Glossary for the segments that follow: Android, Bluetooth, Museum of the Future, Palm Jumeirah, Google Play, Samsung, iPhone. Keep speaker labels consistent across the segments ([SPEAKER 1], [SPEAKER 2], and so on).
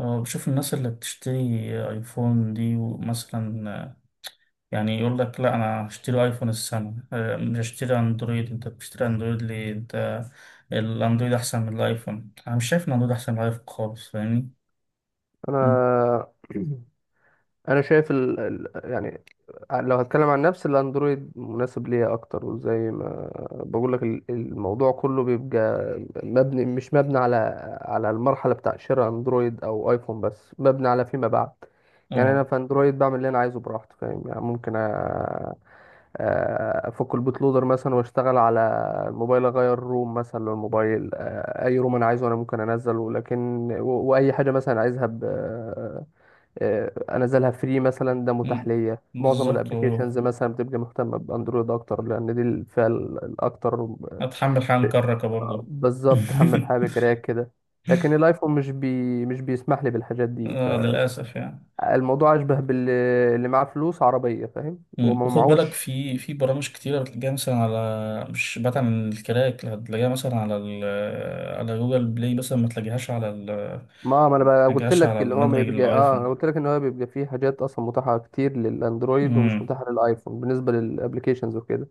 [SPEAKER 1] اه، بشوف الناس اللي بتشتري ايفون دي ومثلا يعني يقول لك: لا، انا هشتري ايفون السنة، مش هشتري اندرويد. انت بتشتري اندرويد ليه؟ انت الاندرويد احسن من الايفون؟ انا مش شايف ان الاندرويد احسن من الايفون خالص، فاهمني؟ م.
[SPEAKER 2] انا انا شايف يعني، لو هتكلم عن نفسي الاندرويد مناسب ليا اكتر، وزي ما بقول لك الموضوع كله بيبقى مش مبني على المرحله بتاع شراء اندرويد او ايفون، بس مبني على فيما بعد. يعني انا
[SPEAKER 1] اه.
[SPEAKER 2] في اندرويد بعمل اللي انا عايزه براحتي، فاهم؟ يعني ممكن افك البوت لودر مثلا، واشتغل على الموبايل، اغير روم مثلا للموبايل، اي روم انا عايزه انا ممكن انزله، لكن واي حاجه مثلا عايزها انزلها فري مثلا، ده
[SPEAKER 1] م.
[SPEAKER 2] متاح ليا. معظم
[SPEAKER 1] بالظبط،
[SPEAKER 2] الابلكيشنز
[SPEAKER 1] اه.
[SPEAKER 2] مثلا بتبقى مهتمه باندرويد اكتر، لان دي الفئه الاكتر.
[SPEAKER 1] اتحمل حال
[SPEAKER 2] في-
[SPEAKER 1] كركة برضو.
[SPEAKER 2] بالظبط، حمل حاجه بكراك كده، لكن الايفون مش بيسمح لي بالحاجات دي.
[SPEAKER 1] اه، للاسف يعني.
[SPEAKER 2] فالموضوع اشبه باللي، معاه فلوس عربيه، فاهم؟
[SPEAKER 1] مم.
[SPEAKER 2] وما
[SPEAKER 1] وخد بالك،
[SPEAKER 2] معهوش.
[SPEAKER 1] في برامج كتيرة بتلاقيها مثلا على، مش بعيد عن الكراك، لا، هتلاقيها مثلا على جوجل بلاي، مثلا
[SPEAKER 2] ما انا
[SPEAKER 1] ما
[SPEAKER 2] بقى قلت
[SPEAKER 1] تلاقيهاش
[SPEAKER 2] لك،
[SPEAKER 1] على
[SPEAKER 2] اللي هو ما
[SPEAKER 1] المدرج
[SPEAKER 2] يبقى اه انا
[SPEAKER 1] الآيفون.
[SPEAKER 2] قلت لك ان هو بيبقى فيه حاجات اصلا متاحه كتير للاندرويد، ومش
[SPEAKER 1] مم.
[SPEAKER 2] متاحه للايفون، بالنسبه للابلكيشنز وكده.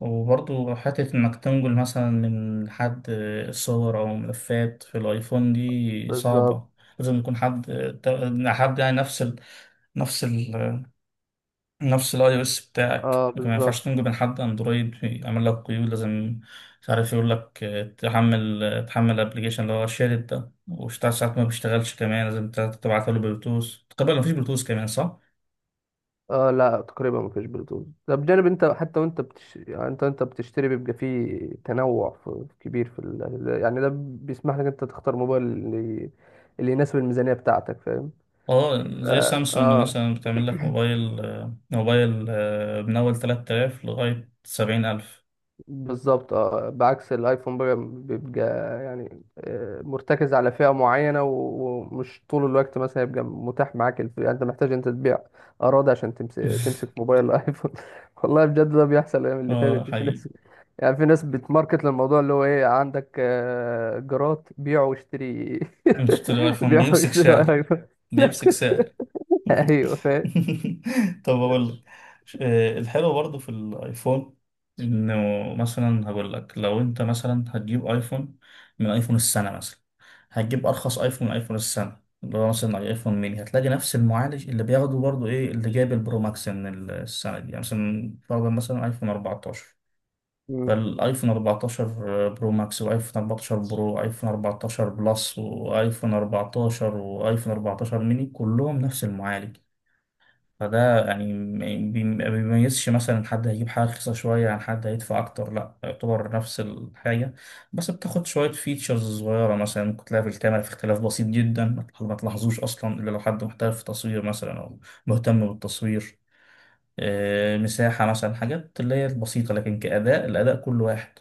[SPEAKER 1] وبرضو حتة إنك تنقل مثلا من حد صور أو ملفات في الآيفون دي
[SPEAKER 2] بالظبط.
[SPEAKER 1] صعبة. لازم يكون حد يعني نفس ال... نفس الاي او اس بتاعك،
[SPEAKER 2] اه
[SPEAKER 1] لكن ما ينفعش
[SPEAKER 2] بالظبط.
[SPEAKER 1] تنجو من حد اندرويد يعمل لك قيود. لازم مش عارف يقول لك: تحمل الابلكيشن اللي هو شارد ده وشتاع، ساعات ما بيشتغلش كمان، لازم تبعته له بلوتوث. تقريبا مفيش بلوتوث كمان، صح؟
[SPEAKER 2] اه لا، تقريبا ما فيش بلوتوث. ده بجانب، انت حتى وانت يعني انت بتشتري بيبقى فيه كبير في يعني ده بيسمح لك انت تختار موبايل اللي يناسب الميزانية بتاعتك، فاهم؟
[SPEAKER 1] اه. زي
[SPEAKER 2] اه,
[SPEAKER 1] سامسونج
[SPEAKER 2] آه
[SPEAKER 1] مثلا بتعمل لك موبايل آه، موبايل آه، من اول 3000 لغاية 70000.
[SPEAKER 2] بالظبط. اه بعكس الايفون بقى، بيبقى يعني آه مرتكز على فئة معينة، ومش طول الوقت مثلا يبقى متاح معاك يعني انت محتاج انت تبيع اراضي عشان تمسك موبايل الايفون. والله بجد ده بيحصل الايام اللي فاتت
[SPEAKER 1] اه،
[SPEAKER 2] دي. في
[SPEAKER 1] حقيقي.
[SPEAKER 2] ناس، يعني في ناس بتماركت للموضوع اللي هو ايه، عندك جرات بيع واشتري.
[SPEAKER 1] مش تشتري ايفون،
[SPEAKER 2] بيع
[SPEAKER 1] بيمسك
[SPEAKER 2] واشتري على
[SPEAKER 1] سعر.
[SPEAKER 2] الايفون. لا،
[SPEAKER 1] بيمسك سعر.
[SPEAKER 2] ايوه فاهم.
[SPEAKER 1] طب اقول لك، الحلو برضو في الايفون انه مثلا، هقول لك: لو انت مثلا هتجيب ايفون من ايفون السنه، مثلا هتجيب ارخص ايفون من ايفون السنه، اللي هو مثلا ايفون ميني، هتلاقي نفس المعالج اللي بياخده برضو ايه اللي جايب البرو ماكس من السنه دي. يعني مثلا فرضا، مثلا ايفون 14،
[SPEAKER 2] مم.
[SPEAKER 1] فالايفون 14 برو ماكس، وايفون 14 برو، وايفون 14 بلس، وايفون 14، وايفون 14 ميني، كلهم نفس المعالج. فده يعني ما بيميزش مثلا حد هيجيب حاجة رخيصة شوية عن حد هيدفع أكتر، لأ، يعتبر نفس الحاجة، بس بتاخد شوية فيتشرز صغيرة. مثلا ممكن تلاقي في الكاميرا في اختلاف بسيط جدا ما تلاحظوش أصلا إلا لو حد محترف في التصوير مثلا، أو مهتم بالتصوير. مساحة مثلا، حاجات اللي هي البسيطة، لكن كأداء الأداء كل واحد.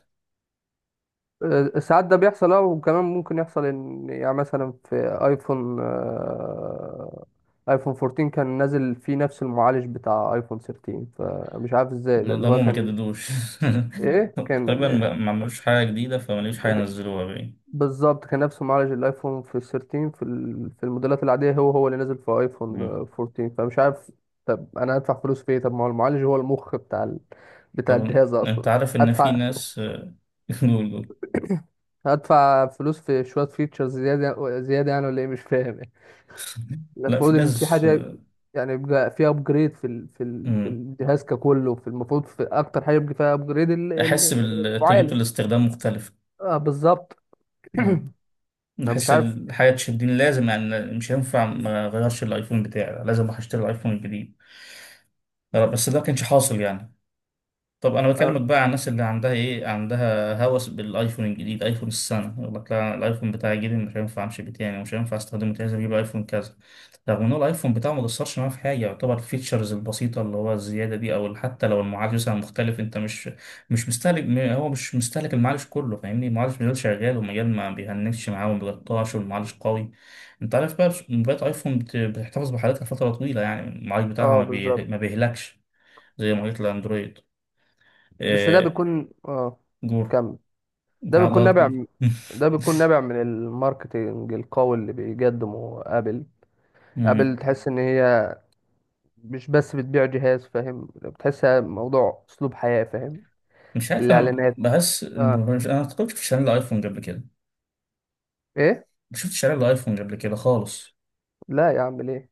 [SPEAKER 2] آه، ساعات ده بيحصل. اه وكمان ممكن يحصل ان يعني مثلا في ايفون ايفون 14 كان نازل فيه نفس المعالج بتاع ايفون 13، فمش عارف ازاي ده اللي هو
[SPEAKER 1] نظامهم ما
[SPEAKER 2] كان.
[SPEAKER 1] جددوش.
[SPEAKER 2] ايه كان؟
[SPEAKER 1] تقريبا ما عملوش حاجة جديدة، فما لقوش حاجة ينزلوها بقى.
[SPEAKER 2] بالظبط، كان نفس معالج الايفون في 13، في في الموديلات العاديه، هو هو اللي نزل في ايفون
[SPEAKER 1] مم.
[SPEAKER 2] 14، فمش عارف طب انا هدفع فلوس في ايه؟ طب ما هو المعالج هو المخ بتاع بتاع
[SPEAKER 1] طب
[SPEAKER 2] الجهاز
[SPEAKER 1] انت
[SPEAKER 2] اصلا.
[SPEAKER 1] عارف ان في
[SPEAKER 2] هدفع
[SPEAKER 1] ناس. جول.
[SPEAKER 2] هدفع فلوس في شويه فيتشرز زياده زياده يعني؟ ولا ايه، مش فاهم يعني.
[SPEAKER 1] لا، في
[SPEAKER 2] المفروض ان في
[SPEAKER 1] ناس.
[SPEAKER 2] حاجه يعني، يبقى في ابجريد في في
[SPEAKER 1] مم.
[SPEAKER 2] الجهاز ككله. في المفروض، في اكتر حاجه يبقى فيها ابجريد
[SPEAKER 1] احس تجربة
[SPEAKER 2] المعالج.
[SPEAKER 1] الاستخدام مختلفة.
[SPEAKER 2] اه بالظبط.
[SPEAKER 1] مم.
[SPEAKER 2] انا مش
[SPEAKER 1] نحس
[SPEAKER 2] عارف.
[SPEAKER 1] الحياة تشدني، لازم يعني مش هينفع ما اغيرش الايفون بتاعي، لازم اروح اشتري الايفون الجديد. بس ده كانش حاصل يعني. طب انا
[SPEAKER 2] اه،
[SPEAKER 1] بكلمك بقى عن الناس اللي عندها هوس بالايفون الجديد، ايفون السنه، يقول لك: لا، الايفون بتاعي الجديد مش هينفع امشي بيه تاني، ومش هينفع استخدمه تاني، لازم اجيب ايفون كذا. رغم ان هو الايفون بتاعه ما قصرش معاه في حاجه، يعتبر الفيتشرز البسيطه اللي هو الزياده دي، او حتى لو المعالج مثلا مختلف، انت مش مستهلك هو مش مستهلك المعالج كله، فاهمني؟ المعالج مازال شغال، والمجال ما بيهنكش معاه وما بيقطعش، والمعالج قوي. انت عارف بقى موبايلات ايفون بتحتفظ بحالتها فتره طويله. يعني المعالج بتاعها
[SPEAKER 2] آه بالظبط.
[SPEAKER 1] ما بيهلكش زي معالجات الاندرويد.
[SPEAKER 2] بس ده
[SPEAKER 1] آه،
[SPEAKER 2] بيكون اه،
[SPEAKER 1] جور.
[SPEAKER 2] كمل. ده بيكون
[SPEAKER 1] بعضها
[SPEAKER 2] نابع
[SPEAKER 1] جور.
[SPEAKER 2] ده بيكون نابع من الماركتينج القوي اللي بيقدمه ابل. ابل
[SPEAKER 1] مم.
[SPEAKER 2] تحس ان هي مش بس بتبيع جهاز، فاهم؟ بتحسها موضوع اسلوب حياة، فاهم؟
[SPEAKER 1] مش عارف، انا
[SPEAKER 2] الاعلانات.
[SPEAKER 1] بحس
[SPEAKER 2] اه.
[SPEAKER 1] مش. انا ما كنتش في شارع الايفون قبل كده،
[SPEAKER 2] ايه.
[SPEAKER 1] ما شفتش شارع الايفون قبل كده خالص.
[SPEAKER 2] لا يا عم، ليه؟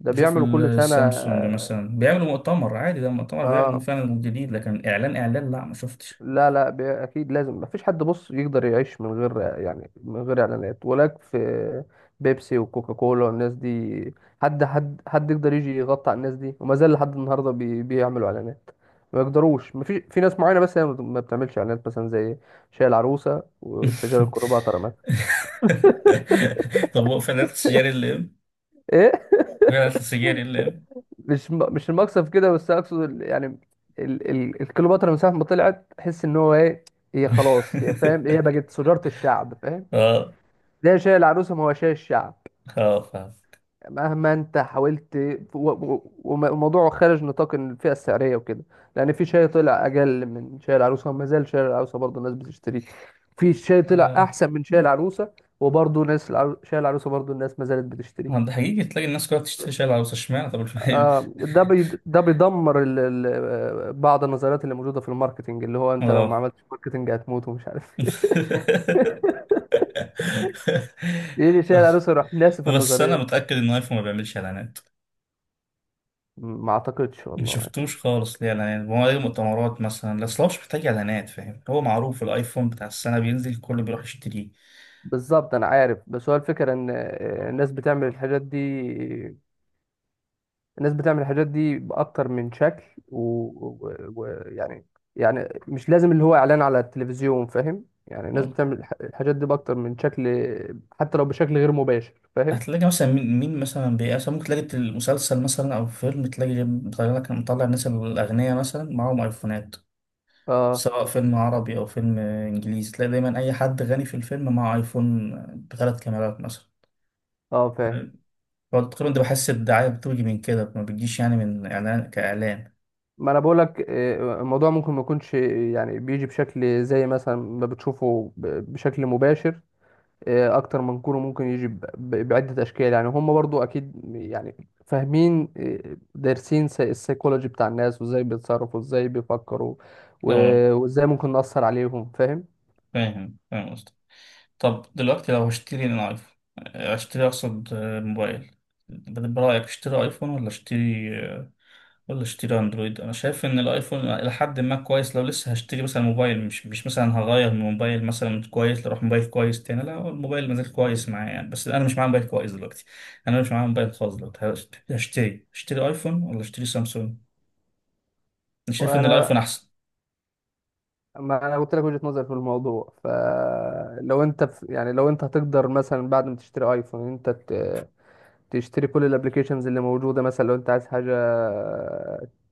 [SPEAKER 2] ده
[SPEAKER 1] بشوف
[SPEAKER 2] بيعملوا كل سنة،
[SPEAKER 1] السامسونج
[SPEAKER 2] اه.
[SPEAKER 1] مثلا بيعملوا مؤتمر عادي، ده مؤتمر بيعلن
[SPEAKER 2] آه.
[SPEAKER 1] فعلا جديد، لكن اعلان اعلان، لا ما شفتش.
[SPEAKER 2] لا لا، اكيد لازم. مفيش حد بص يقدر يعيش من غير، يعني من غير اعلانات. ولاك في بيبسي وكوكا كولا والناس دي، حد يقدر يجي يغطي على الناس دي؟ وما زال لحد النهارده بيعملوا اعلانات. ما يقدروش. مفيش، في ناس معينه بس هي ما بتعملش اعلانات، مثلا زي شاي العروسه والسجاير الكليوباترا مثلا.
[SPEAKER 1] طب هو فعلا السجاري اللي ام
[SPEAKER 2] ايه.
[SPEAKER 1] فعلا السجاري اللي ام.
[SPEAKER 2] مش المقصد في كده، بس اقصد يعني الكليوباترا من ساعه ما طلعت تحس ان هو ايه، هي خلاص، هي فاهم، هي بقت سجاره الشعب، فاهم؟
[SPEAKER 1] اه.
[SPEAKER 2] ده شاي العروسه، ما هو شاي الشعب،
[SPEAKER 1] اه فاهم
[SPEAKER 2] مهما انت حاولت. والموضوع خارج نطاق الفئه السعريه وكده، لان في شاي طلع اجل من شاي العروسه، وما زال شاي العروسه برضه الناس بتشتريه. في شاي طلع
[SPEAKER 1] آه،
[SPEAKER 2] احسن من شاي العروسه، وبرضه ناس شاي العروسه برضه الناس ما زالت
[SPEAKER 1] ما ده
[SPEAKER 2] بتشتريه.
[SPEAKER 1] حقيقي تلاقي الناس كلها بتشتري شاي العروسة اشمعنى طب الفيل
[SPEAKER 2] آه، ده ده بيدمر ال... ال... آه، بعض النظريات اللي موجوده في الماركتنج، اللي هو انت لو ما
[SPEAKER 1] اه
[SPEAKER 2] عملتش ماركتنج هتموت ومش عارف ايه. بيجي شاي العروسه يروح ناسف
[SPEAKER 1] بس
[SPEAKER 2] النظريه
[SPEAKER 1] انا
[SPEAKER 2] دي.
[SPEAKER 1] متاكد ان ايفون ما بيعملش اعلانات.
[SPEAKER 2] ما اعتقدش
[SPEAKER 1] ما
[SPEAKER 2] والله.
[SPEAKER 1] شفتوش خالص ليه اعلانات، هو ايه مؤتمرات مثلا. اصل هو مش محتاج اعلانات، فاهم؟ هو معروف، الايفون بتاع السنه بينزل الكل بيروح يشتريه.
[SPEAKER 2] بالظبط انا عارف، بس هو الفكره ان الناس بتعمل الحاجات دي. الناس بتعمل الحاجات دي باكتر من شكل، ويعني يعني، يعني مش لازم اللي هو اعلان على التلفزيون، فاهم؟ يعني الناس بتعمل الحاجات دي باكتر من شكل، حتى لو بشكل غير مباشر، فاهم؟
[SPEAKER 1] هتلاقي مثلا مين مثلا مثلا، ممكن تلاقي المسلسل مثلا او فيلم، تلاقي مطلع الناس الاغنياء مثلا معاهم ايفونات،
[SPEAKER 2] اه.
[SPEAKER 1] سواء فيلم عربي او فيلم انجليزي، تلاقي دايما اي حد غني في الفيلم معاه ايفون بثلاث كاميرات مثلا.
[SPEAKER 2] اه فاهم.
[SPEAKER 1] هو تقريبا ده، بحس الدعاية بتيجي من كده، ما بتجيش يعني من إعلان كإعلان.
[SPEAKER 2] ما انا بقولك الموضوع ممكن ما يكونش، يعني بيجي بشكل زي مثلا ما بتشوفه بشكل مباشر. اكتر من كوره ممكن يجي بعده اشكال، يعني هم برضو اكيد يعني فاهمين، دارسين السيكولوجي بتاع الناس، وازاي بيتصرفوا وازاي بيفكروا
[SPEAKER 1] اه
[SPEAKER 2] وازاي ممكن نأثر عليهم، فاهم؟
[SPEAKER 1] فاهم، فاهم قصدك. طب دلوقتي، لو هشتري ان ايفون، اشتري اقصد موبايل، برأيك اشتري ايفون ولا اشتري اندرويد؟ انا شايف ان الايفون الى حد ما كويس، لو لسه هشتري مثلا موبايل، مش مثلا هغير من موبايل مثلا كويس لروح موبايل كويس تاني. لا، هو الموبايل مازال كويس معايا يعني، بس انا مش معايا موبايل كويس دلوقتي. انا مش معايا موبايل خالص دلوقتي. اشتري ايفون ولا اشتري سامسونج؟ انا شايف ان
[SPEAKER 2] وانا
[SPEAKER 1] الايفون احسن.
[SPEAKER 2] ما انا قلت لك وجهة نظري في الموضوع. فلو انت في، يعني لو انت هتقدر مثلا بعد ما تشتري ايفون انت تشتري كل الابلكيشنز اللي موجوده، مثلا لو انت عايز حاجه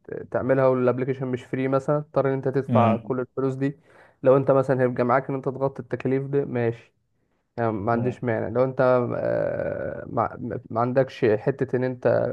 [SPEAKER 2] تعملها والابلكيشن مش فري مثلا، تضطر ان انت تدفع
[SPEAKER 1] امم.
[SPEAKER 2] كل الفلوس دي. لو انت مثلا هيبقى معاك ان انت تغطي التكاليف دي، ماشي. يعني ما
[SPEAKER 1] اه.
[SPEAKER 2] عنديش مانع. لو انت ما عندكش حتة ان انت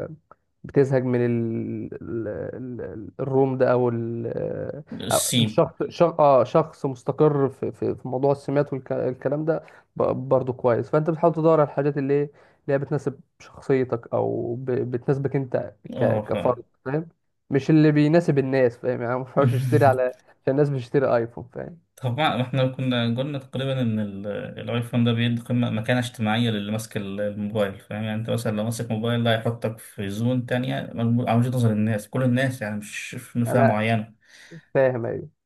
[SPEAKER 2] بتزهق من الروم ده، او ال... آه، أو انت
[SPEAKER 1] السين.
[SPEAKER 2] شخص مستقر في موضوع السمات والكلام ده، ب- برضه كويس. فانت بتحاول تدور على الحاجات اللي ايه، اللي هي بتناسب شخصيتك، او بتناسبك انت
[SPEAKER 1] اه
[SPEAKER 2] كفرد،
[SPEAKER 1] فعلا.
[SPEAKER 2] فاهم؟ مش اللي بيناسب الناس، فاهم؟ يعني ما ينفعش اشتري على عشان الناس بتشتري ايفون، فاهم؟
[SPEAKER 1] طبعا احنا كنا قلنا تقريبا ان الايفون ده بيدي قيمة، مكانة اجتماعية للي ماسك الموبايل. فاهم يعني؟ انت مثلا لو ماسك موبايل ده هيحطك في زون تانية على وجهة نظر الناس، كل الناس يعني، مش في فئة
[SPEAKER 2] انا
[SPEAKER 1] معينة.
[SPEAKER 2] فاهم ايوه،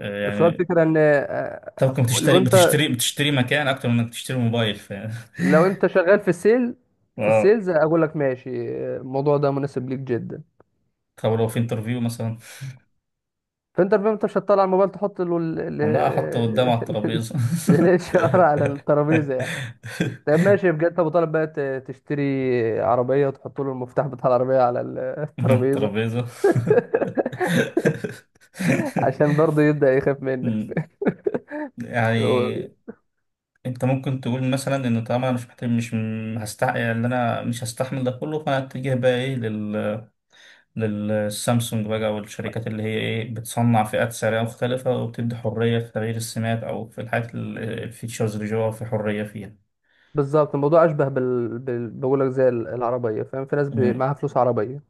[SPEAKER 2] بس هو
[SPEAKER 1] يعني.
[SPEAKER 2] الفكرة ان آه.
[SPEAKER 1] طب ممكن
[SPEAKER 2] لو انت
[SPEAKER 1] بتشتري مكان اكتر من انك تشتري موبايل، فاهم؟
[SPEAKER 2] لو انت شغال في في
[SPEAKER 1] اه.
[SPEAKER 2] السيلز، اقول لك ماشي. آه، الموضوع ده مناسب ليك جدا.
[SPEAKER 1] طب لو في انترفيو مثلا،
[SPEAKER 2] فانت الفيلم انت مش هتطلع الموبايل تحط له
[SPEAKER 1] والله احطه قدام على الترابيزة.
[SPEAKER 2] الاتش ار على الترابيزة يعني. طب ماشي بجد، ابو طالب بقى تشتري عربية وتحط له المفتاح بتاع العربية على الترابيزة،
[SPEAKER 1] الترابيزة.
[SPEAKER 2] عشان برضه يبدأ يخاف منك.
[SPEAKER 1] أمم،
[SPEAKER 2] هو-
[SPEAKER 1] يعني، انت ممكن تقول مثلا ان طالما انا مش محتاج مش م- هستع يعني ان انا مش هستحمل ده كله، فانا اتجه بقى ايه للسامسونج بقى، والشركات اللي هي ايه بتصنع فئات سعرية مختلفة، وبتدي حرية في تغيير السمات او في الحاجات الفيتشرز اللي جوه في حرية فيها.
[SPEAKER 2] بالظبط، الموضوع اشبه بقول لك زي العربية، فاهم؟ في ناس
[SPEAKER 1] أمم.
[SPEAKER 2] معاها فلوس عربية،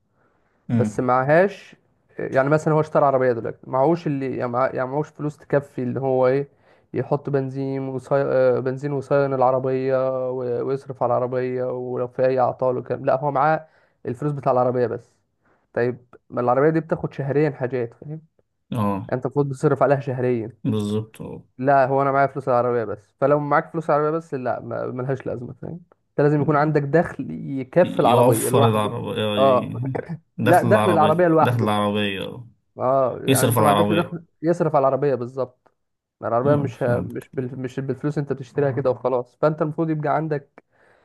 [SPEAKER 2] بس
[SPEAKER 1] أمم.
[SPEAKER 2] معهاش. يعني مثلا هو اشترى عربية دلوقتي، معهوش اللي يعني يعني معهوش فلوس تكفي، اللي هو ايه، يحط بنزين وصي... آه، بنزين وصيان العربية ويصرف على العربية ولو في أي أعطال وكلام. لا، هو معاه الفلوس بتاع العربية بس. طيب، ما العربية دي بتاخد شهريا حاجات، فاهم يعني؟
[SPEAKER 1] اه،
[SPEAKER 2] أنت المفروض بتصرف عليها شهريا.
[SPEAKER 1] بالظبط، آه.
[SPEAKER 2] لا، هو أنا معايا فلوس العربية بس، فلو معاك فلوس العربية بس لا ملهاش لازمة، فاهم؟ أنت لازم يكون
[SPEAKER 1] أمم.
[SPEAKER 2] عندك دخل يكفي العربية
[SPEAKER 1] يوفر
[SPEAKER 2] لوحده.
[SPEAKER 1] العربية.
[SPEAKER 2] اه. لا،
[SPEAKER 1] دخل
[SPEAKER 2] دخل العربية
[SPEAKER 1] العربية، دخل
[SPEAKER 2] لوحده.
[SPEAKER 1] العربية
[SPEAKER 2] اه يعني
[SPEAKER 1] يصرف
[SPEAKER 2] انت ما
[SPEAKER 1] على
[SPEAKER 2] عندكش
[SPEAKER 1] العربية.
[SPEAKER 2] دخل يصرف على العربيه، بالظبط. يعني العربيه
[SPEAKER 1] فهمت.
[SPEAKER 2] مش بالفلوس انت بتشتريها كده وخلاص، فانت المفروض يبقى عندك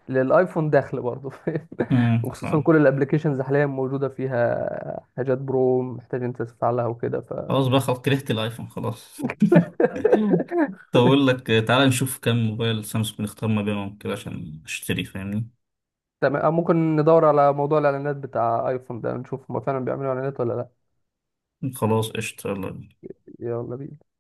[SPEAKER 2] للايفون دخل برضه، فاهم؟ وخصوصا
[SPEAKER 1] فهمت.
[SPEAKER 2] كل الابلكيشنز حاليا موجوده فيها حاجات برو محتاج انت تفعلها وكده، ف
[SPEAKER 1] خلاص بقى، خلاص كرهت الايفون خلاص. طب اقول لك، تعالى نشوف كم موبايل سامسونج نختار ما بينهم كده عشان اشتري، فاهمني؟
[SPEAKER 2] تمام ممكن ندور على موضوع الاعلانات بتاع ايفون ده، نشوف هما فعلا بيعملوا اعلانات ولا لا.
[SPEAKER 1] خلاص قشطة، يلا بينا.
[SPEAKER 2] يلا بينا.